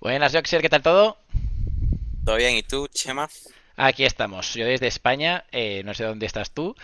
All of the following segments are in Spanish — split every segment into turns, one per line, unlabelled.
Buenas, Joxer, ¿qué tal todo?
Todo bien, ¿y tú, Chema?
Aquí estamos, yo desde España, no sé dónde estás tú.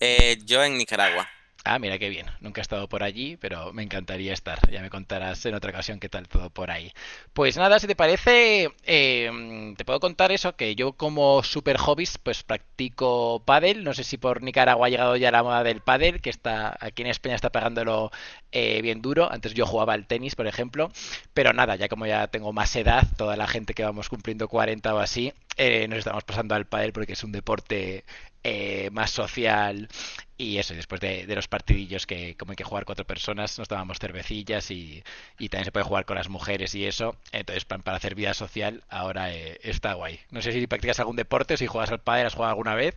Yo en Nicaragua.
Ah, mira qué bien. Nunca he estado por allí, pero me encantaría estar. Ya me contarás en otra ocasión qué tal todo por ahí. Pues nada, si te parece, te puedo contar eso, que yo como super hobbies, pues practico pádel. No sé si por Nicaragua ha llegado ya la moda del pádel, que está aquí en España está pagándolo bien duro. Antes yo jugaba al tenis, por ejemplo. Pero nada, ya como ya tengo más edad, toda la gente que vamos cumpliendo 40 o así, nos estamos pasando al pádel porque es un deporte más social. Y eso, después de los partidillos, que como hay que jugar cuatro personas, nos tomábamos cervecillas y también se puede jugar con las mujeres y eso. Entonces, para hacer vida social, ahora está guay. No sé si practicas algún deporte, si juegas al pádel, has jugado alguna vez.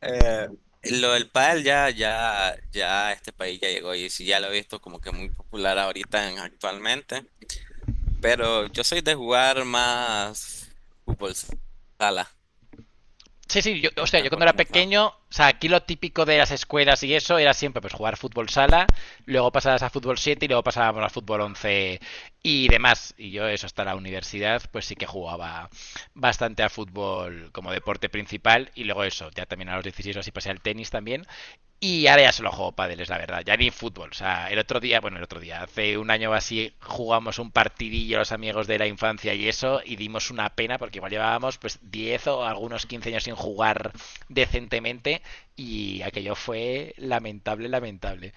Eh, lo del pádel ya este país ya llegó y sí, ya lo he visto como que muy popular actualmente. Pero yo soy de jugar más fútbol sala.
Sí, sí, yo,
Me
o sea,
gusta
yo
jugar
cuando era
fútbol sala.
pequeño, o sea, aquí lo típico de las escuelas y eso era siempre pues jugar fútbol sala, luego pasabas a fútbol 7 y luego pasábamos a fútbol 11 y demás. Y yo eso hasta la universidad, pues sí que jugaba bastante a fútbol como deporte principal y luego eso, ya también a los 16 o así pasé al tenis también, y ahora ya solo juego pádel, es la verdad. Ya ni fútbol. O sea, el otro día, bueno, el otro día, hace un año o así, jugamos un partidillo los amigos de la infancia y eso, y dimos una pena porque igual llevábamos pues 10 o algunos 15 años sin jugar decentemente y aquello fue lamentable, lamentable.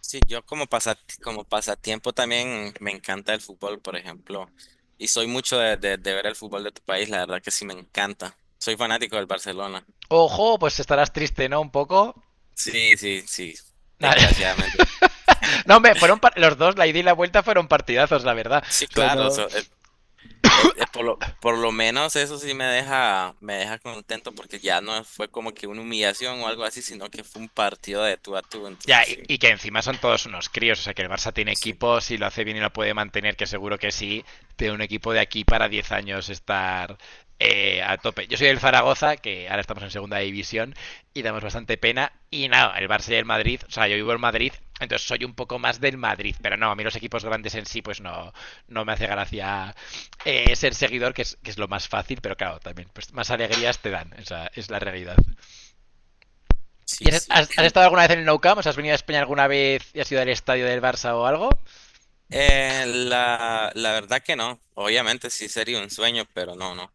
Sí, yo como como pasatiempo también me encanta el fútbol, por ejemplo. Y soy mucho de ver el fútbol de tu país, la verdad que sí me encanta. Soy fanático del Barcelona.
Ojo, pues estarás triste, ¿no? Un poco.
Sí, sí, sí, desgraciadamente.
No, me fueron los dos, la ida y la vuelta fueron partidazos, la verdad.
Sí,
O sea,
claro,
no.
eso. Por por lo menos eso sí me deja contento porque ya no fue como que una humillación o algo así, sino que fue un partido de tú a tú. Entonces
Ya, y,
sí,
y que encima son todos unos críos, o sea que el Barça tiene
sí,
equipo. Si lo hace bien y lo puede mantener, que seguro que sí, tiene un equipo de aquí para 10 años estar a tope. Yo soy el Zaragoza, que ahora estamos en segunda división y damos bastante pena, y nada, el Barça y el Madrid, o sea, yo vivo en Madrid, entonces soy un poco más del Madrid, pero no, a mí los equipos grandes en sí, pues no, no me hace gracia ser seguidor, que es lo más fácil, pero claro, también, pues más alegrías te dan, esa es la realidad. ¿Y
sí,
has,
sí.
has, has, estado alguna vez en el Nou Camp? ¿Has venido a España alguna vez y has ido al estadio del Barça o algo?
La, la verdad que no. Obviamente sí sería un sueño, pero no, no.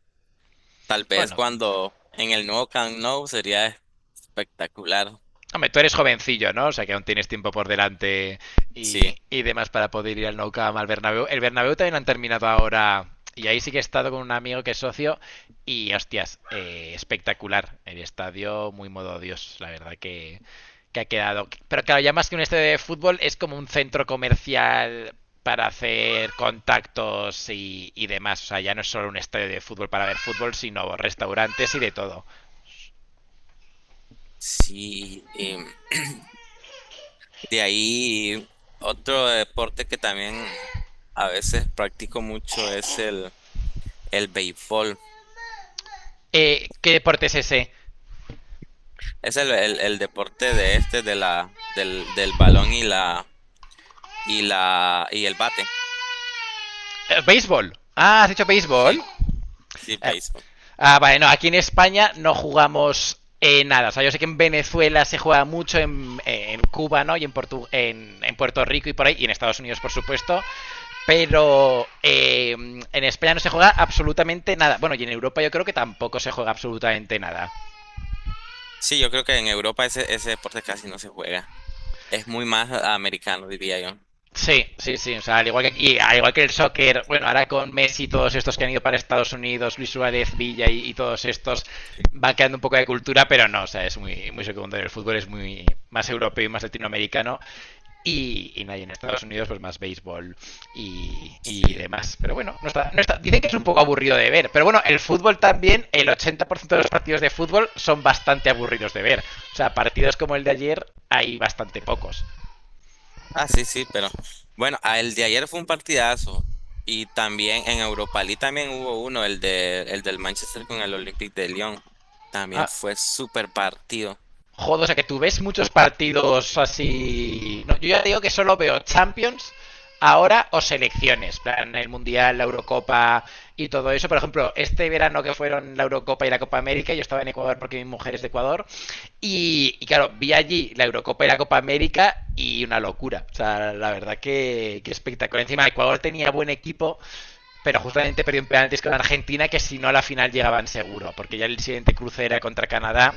Tal vez
Bueno,
cuando en el nuevo Camp Nou sería espectacular.
hombre, tú eres jovencillo, ¿no? O sea que aún tienes tiempo por delante
Sí,
y demás para poder ir al Nou Camp, al Bernabéu. El Bernabéu también lo han terminado ahora y ahí sí que he estado con un amigo que es socio y, hostias, espectacular. El estadio muy modo Dios, la verdad que ha quedado. Pero claro, ya más que un estadio de fútbol es como un centro comercial para hacer contactos y demás. O sea, ya no es solo un estadio de fútbol para ver fútbol, sino restaurantes y de todo.
sí, y de ahí otro deporte que también a veces practico mucho es el béisbol.
¿Qué deporte es ese?
Es el deporte de este, de del balón y la, y el bate.
Béisbol. Ah, has dicho béisbol.
Sí, sí,
Eh,
béisbol.
vale, no, aquí en España no jugamos nada. O sea, yo sé que en Venezuela se juega mucho, en, Cuba, ¿no? Y en Puerto Rico y por ahí, y en Estados Unidos, por supuesto. Pero en España no se juega absolutamente nada. Bueno, y en Europa yo creo que tampoco se juega absolutamente nada.
Sí, yo creo que en Europa ese deporte casi no se juega. Es muy más americano, diría yo.
Sí, sí, sí. O sea, al igual que aquí, al igual que el soccer, bueno, ahora con Messi y todos estos que han ido para Estados Unidos, Luis Suárez, Villa y todos estos,
Sí.
van quedando un poco de cultura, pero no, o sea, es muy, muy secundario. El fútbol es muy más europeo y más latinoamericano. Y nadie en Estados Unidos, pues más béisbol y
Sí.
demás. Pero bueno, no está, dicen que es un poco aburrido de ver. Pero bueno, el fútbol también, el 80% de los partidos de fútbol son bastante aburridos de ver. O sea, partidos como el de ayer hay bastante pocos.
Ah, sí, sí, pero bueno, ah, el de ayer fue un partidazo. Y también en Europa League también hubo uno, el del Manchester con el Olympique de Lyon. También
Ah,
fue súper partido.
Joder, o sea que tú ves muchos partidos así. No, yo ya digo que solo veo Champions ahora o selecciones, plan el Mundial, la Eurocopa y todo eso. Por ejemplo, este verano que fueron la Eurocopa y la Copa América, yo estaba en Ecuador porque mi mujer es de Ecuador y claro, vi allí la Eurocopa y la Copa América y una locura. O sea, la verdad que espectacular. Encima, Ecuador tenía buen equipo, pero justamente perdió en penaltis con Argentina, que si no a la final llegaban seguro, porque ya el siguiente cruce era contra Canadá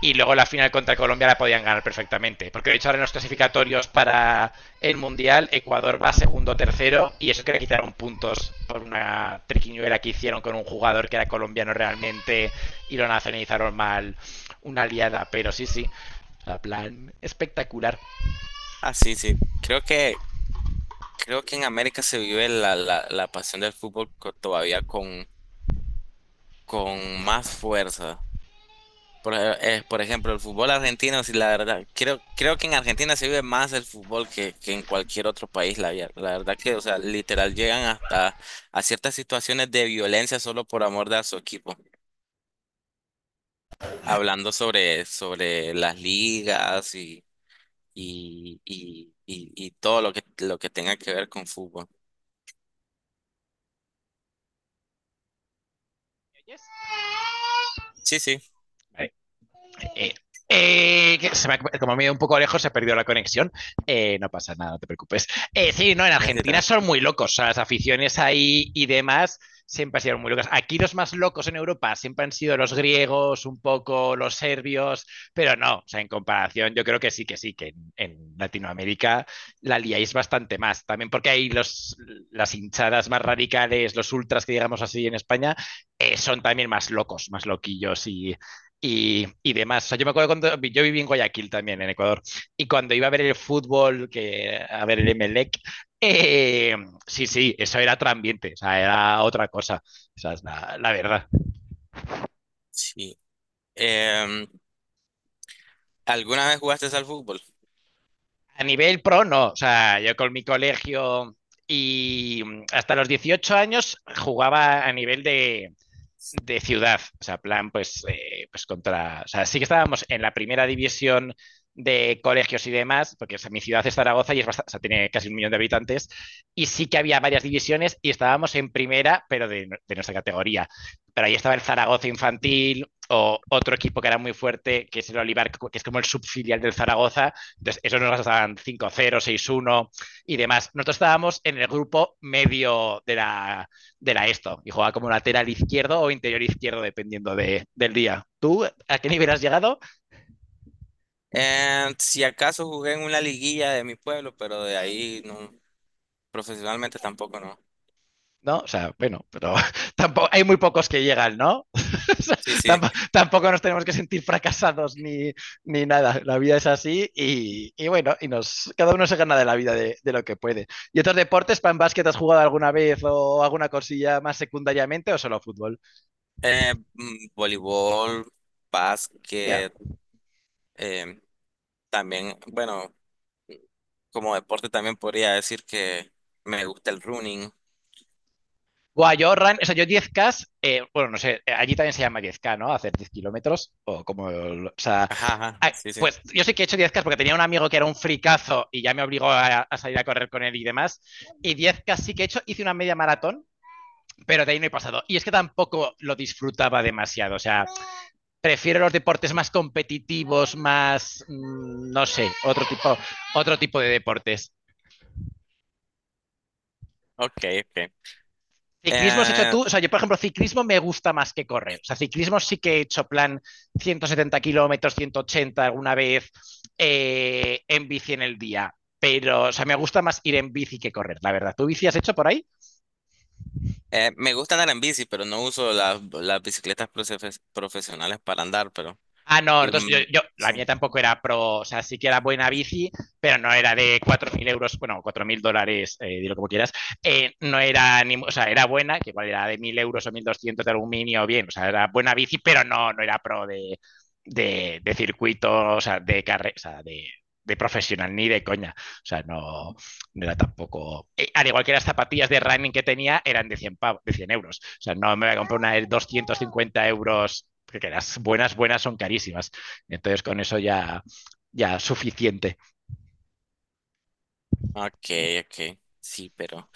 y luego la final contra Colombia la podían ganar perfectamente. Porque de hecho ahora en los clasificatorios para el Mundial, Ecuador va segundo tercero y eso que le quitaron puntos por una triquiñuela que hicieron con un jugador que era colombiano realmente y lo nacionalizaron mal. Una liada, pero sí, sí. La plan espectacular.
Ah, sí, sí. Creo que en América se vive la pasión del fútbol todavía con más fuerza. Por ejemplo, el fútbol argentino, sí, la verdad, creo que en Argentina se vive más el fútbol que en cualquier otro país. La verdad que, o sea, literal llegan hasta a ciertas situaciones de violencia solo por amor de a su equipo. Hablando sobre las ligas y, y todo lo que tenga que ver con fútbol. Sí, sí,
Eh, que se me ha- como me he ido un poco lejos, se ha perdido la conexión. No pasa nada, no te preocupes. Sí, no, en
ahí
Argentina
está.
son muy locos. O sea, las aficiones ahí y demás siempre han sido muy locas. Aquí los más locos en Europa siempre han sido los griegos, un poco los serbios, pero no, o sea, en comparación, yo creo que sí, que sí, que en Latinoamérica la liáis bastante más. También porque hay los, las hinchadas más radicales, los ultras que digamos así en España, son también más locos, más loquillos y demás. O sea, yo me acuerdo cuando yo viví en Guayaquil también, en Ecuador, y cuando iba a ver el fútbol, que, a ver el Emelec, eh, sí, sí, eso era otro ambiente, o sea, era otra cosa, o sea, es la verdad.
Sí. Em, ¿Alguna vez jugaste al fútbol?
A nivel pro, no, o sea, yo con mi colegio y hasta los 18 años jugaba a nivel de ciudad, o sea, plan, pues, pues contra, o sea, sí que estábamos en la primera división de colegios y demás, porque, o sea, mi ciudad es Zaragoza y es bastante, o sea, tiene casi un millón de habitantes, y sí que había varias divisiones y estábamos en primera, pero de nuestra categoría. Pero ahí estaba el Zaragoza Infantil o otro equipo que era muy fuerte, que es el Olivar, que es como el subfilial del Zaragoza. Entonces, esos nos estaban 5-0, 6-1 y demás. Nosotros estábamos en el grupo medio de la esto y juega como lateral izquierdo o interior izquierdo dependiendo del día. ¿Tú a qué nivel has llegado?
Si acaso jugué en una liguilla de mi pueblo, pero de ahí no, profesionalmente tampoco no.
No, o sea, bueno, pero tampoco, hay muy pocos que llegan, ¿no? O
Sí, sí.
tampoco, nos tenemos que sentir fracasados ni nada. La vida es así y, bueno, y nos, cada uno se gana de la vida de lo que puede. ¿Y otros deportes, pan básquet, has jugado alguna vez o alguna cosilla más secundariamente o solo fútbol?
Voleibol,
Ya. Yeah.
básquet, eh, también, bueno, como deporte también podría decir que me gusta el running.
Guau, yo run, o sea, yo 10K bueno, no sé, allí también se llama 10K, ¿no? Hacer 10 kilómetros, o como, o sea,
Ajá, ajá, sí, sí.
pues yo sí que he hecho 10K porque tenía un amigo que era un fricazo y ya me obligó a salir a correr con él y demás, y 10K sí que he hecho, hice una media maratón, pero de ahí no he pasado, y es que tampoco lo disfrutaba demasiado, o sea, prefiero los deportes más competitivos, más, no sé, otro tipo de deportes.
Ok, ok.
Ciclismo has hecho
Eh,
tú, o sea, yo por ejemplo, ciclismo me gusta más que correr. O sea, ciclismo sí que he hecho plan 170 kilómetros, 180 alguna vez en bici en el día. Pero, o sea, me gusta más ir en bici que correr, la verdad. ¿Tú bici has hecho por ahí?
Me gusta andar en bici, pero no uso las bicicletas profesionales para andar, pero...
Ah, no, entonces yo,
Mm,
la
sí.
mía tampoco era pro, o sea, sí que era buena bici, pero no era de 4.000 euros, bueno, $4000, dilo como quieras, no era, ni, o sea, era buena, que igual era de 1000 € o 1200, de aluminio, bien, o sea, era buena bici, pero no, no era pro de, de circuito, o sea, de carrera, o sea, de profesional, ni de coña, o sea, no, no era tampoco. Al igual que las zapatillas de running que tenía eran de 100 euros. O sea, no me voy a comprar una de 250 euros, porque las buenas, buenas son carísimas. Entonces, con eso ya suficiente.
Ok, ok. Sí, pero...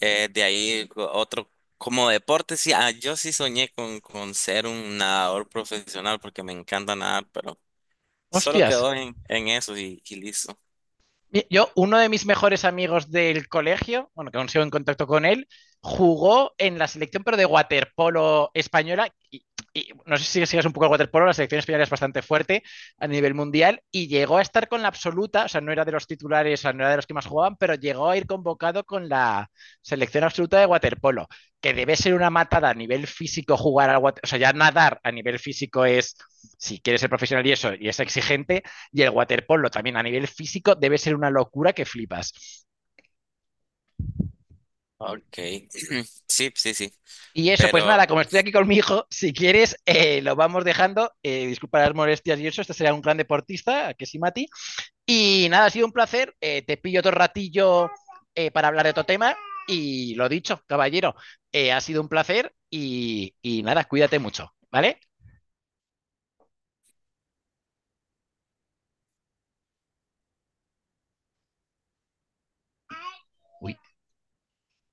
Otro, como deporte, sí, ah, yo sí soñé con ser un nadador profesional porque me encanta nadar, pero solo
Hostias,
quedó en eso y listo.
yo, uno de mis mejores amigos del colegio, bueno, que aún sigo en contacto con él, jugó en la selección, pero de waterpolo española. Y no sé si sigues un poco el waterpolo, la selección española es bastante fuerte a nivel mundial y llegó a estar con la absoluta, o sea, no era de los titulares, o sea, no era de los que más jugaban, pero llegó a ir convocado con la selección absoluta de waterpolo, que debe ser una matada a nivel físico jugar al waterpolo, o sea, ya nadar a nivel físico es, si quieres ser profesional y eso, y es exigente, y el waterpolo también a nivel físico debe ser una locura, que flipas.
Ok, sí, sí, sí,
Y eso, pues
pero
nada, como estoy aquí con mi hijo, si quieres, lo vamos dejando. Disculpa las molestias y eso, este será un gran deportista, que sí, Mati. Y nada, ha sido un placer. Te pillo otro ratillo para hablar de otro tema. Y lo dicho, caballero, ha sido un placer y nada, cuídate mucho, ¿vale? Uy.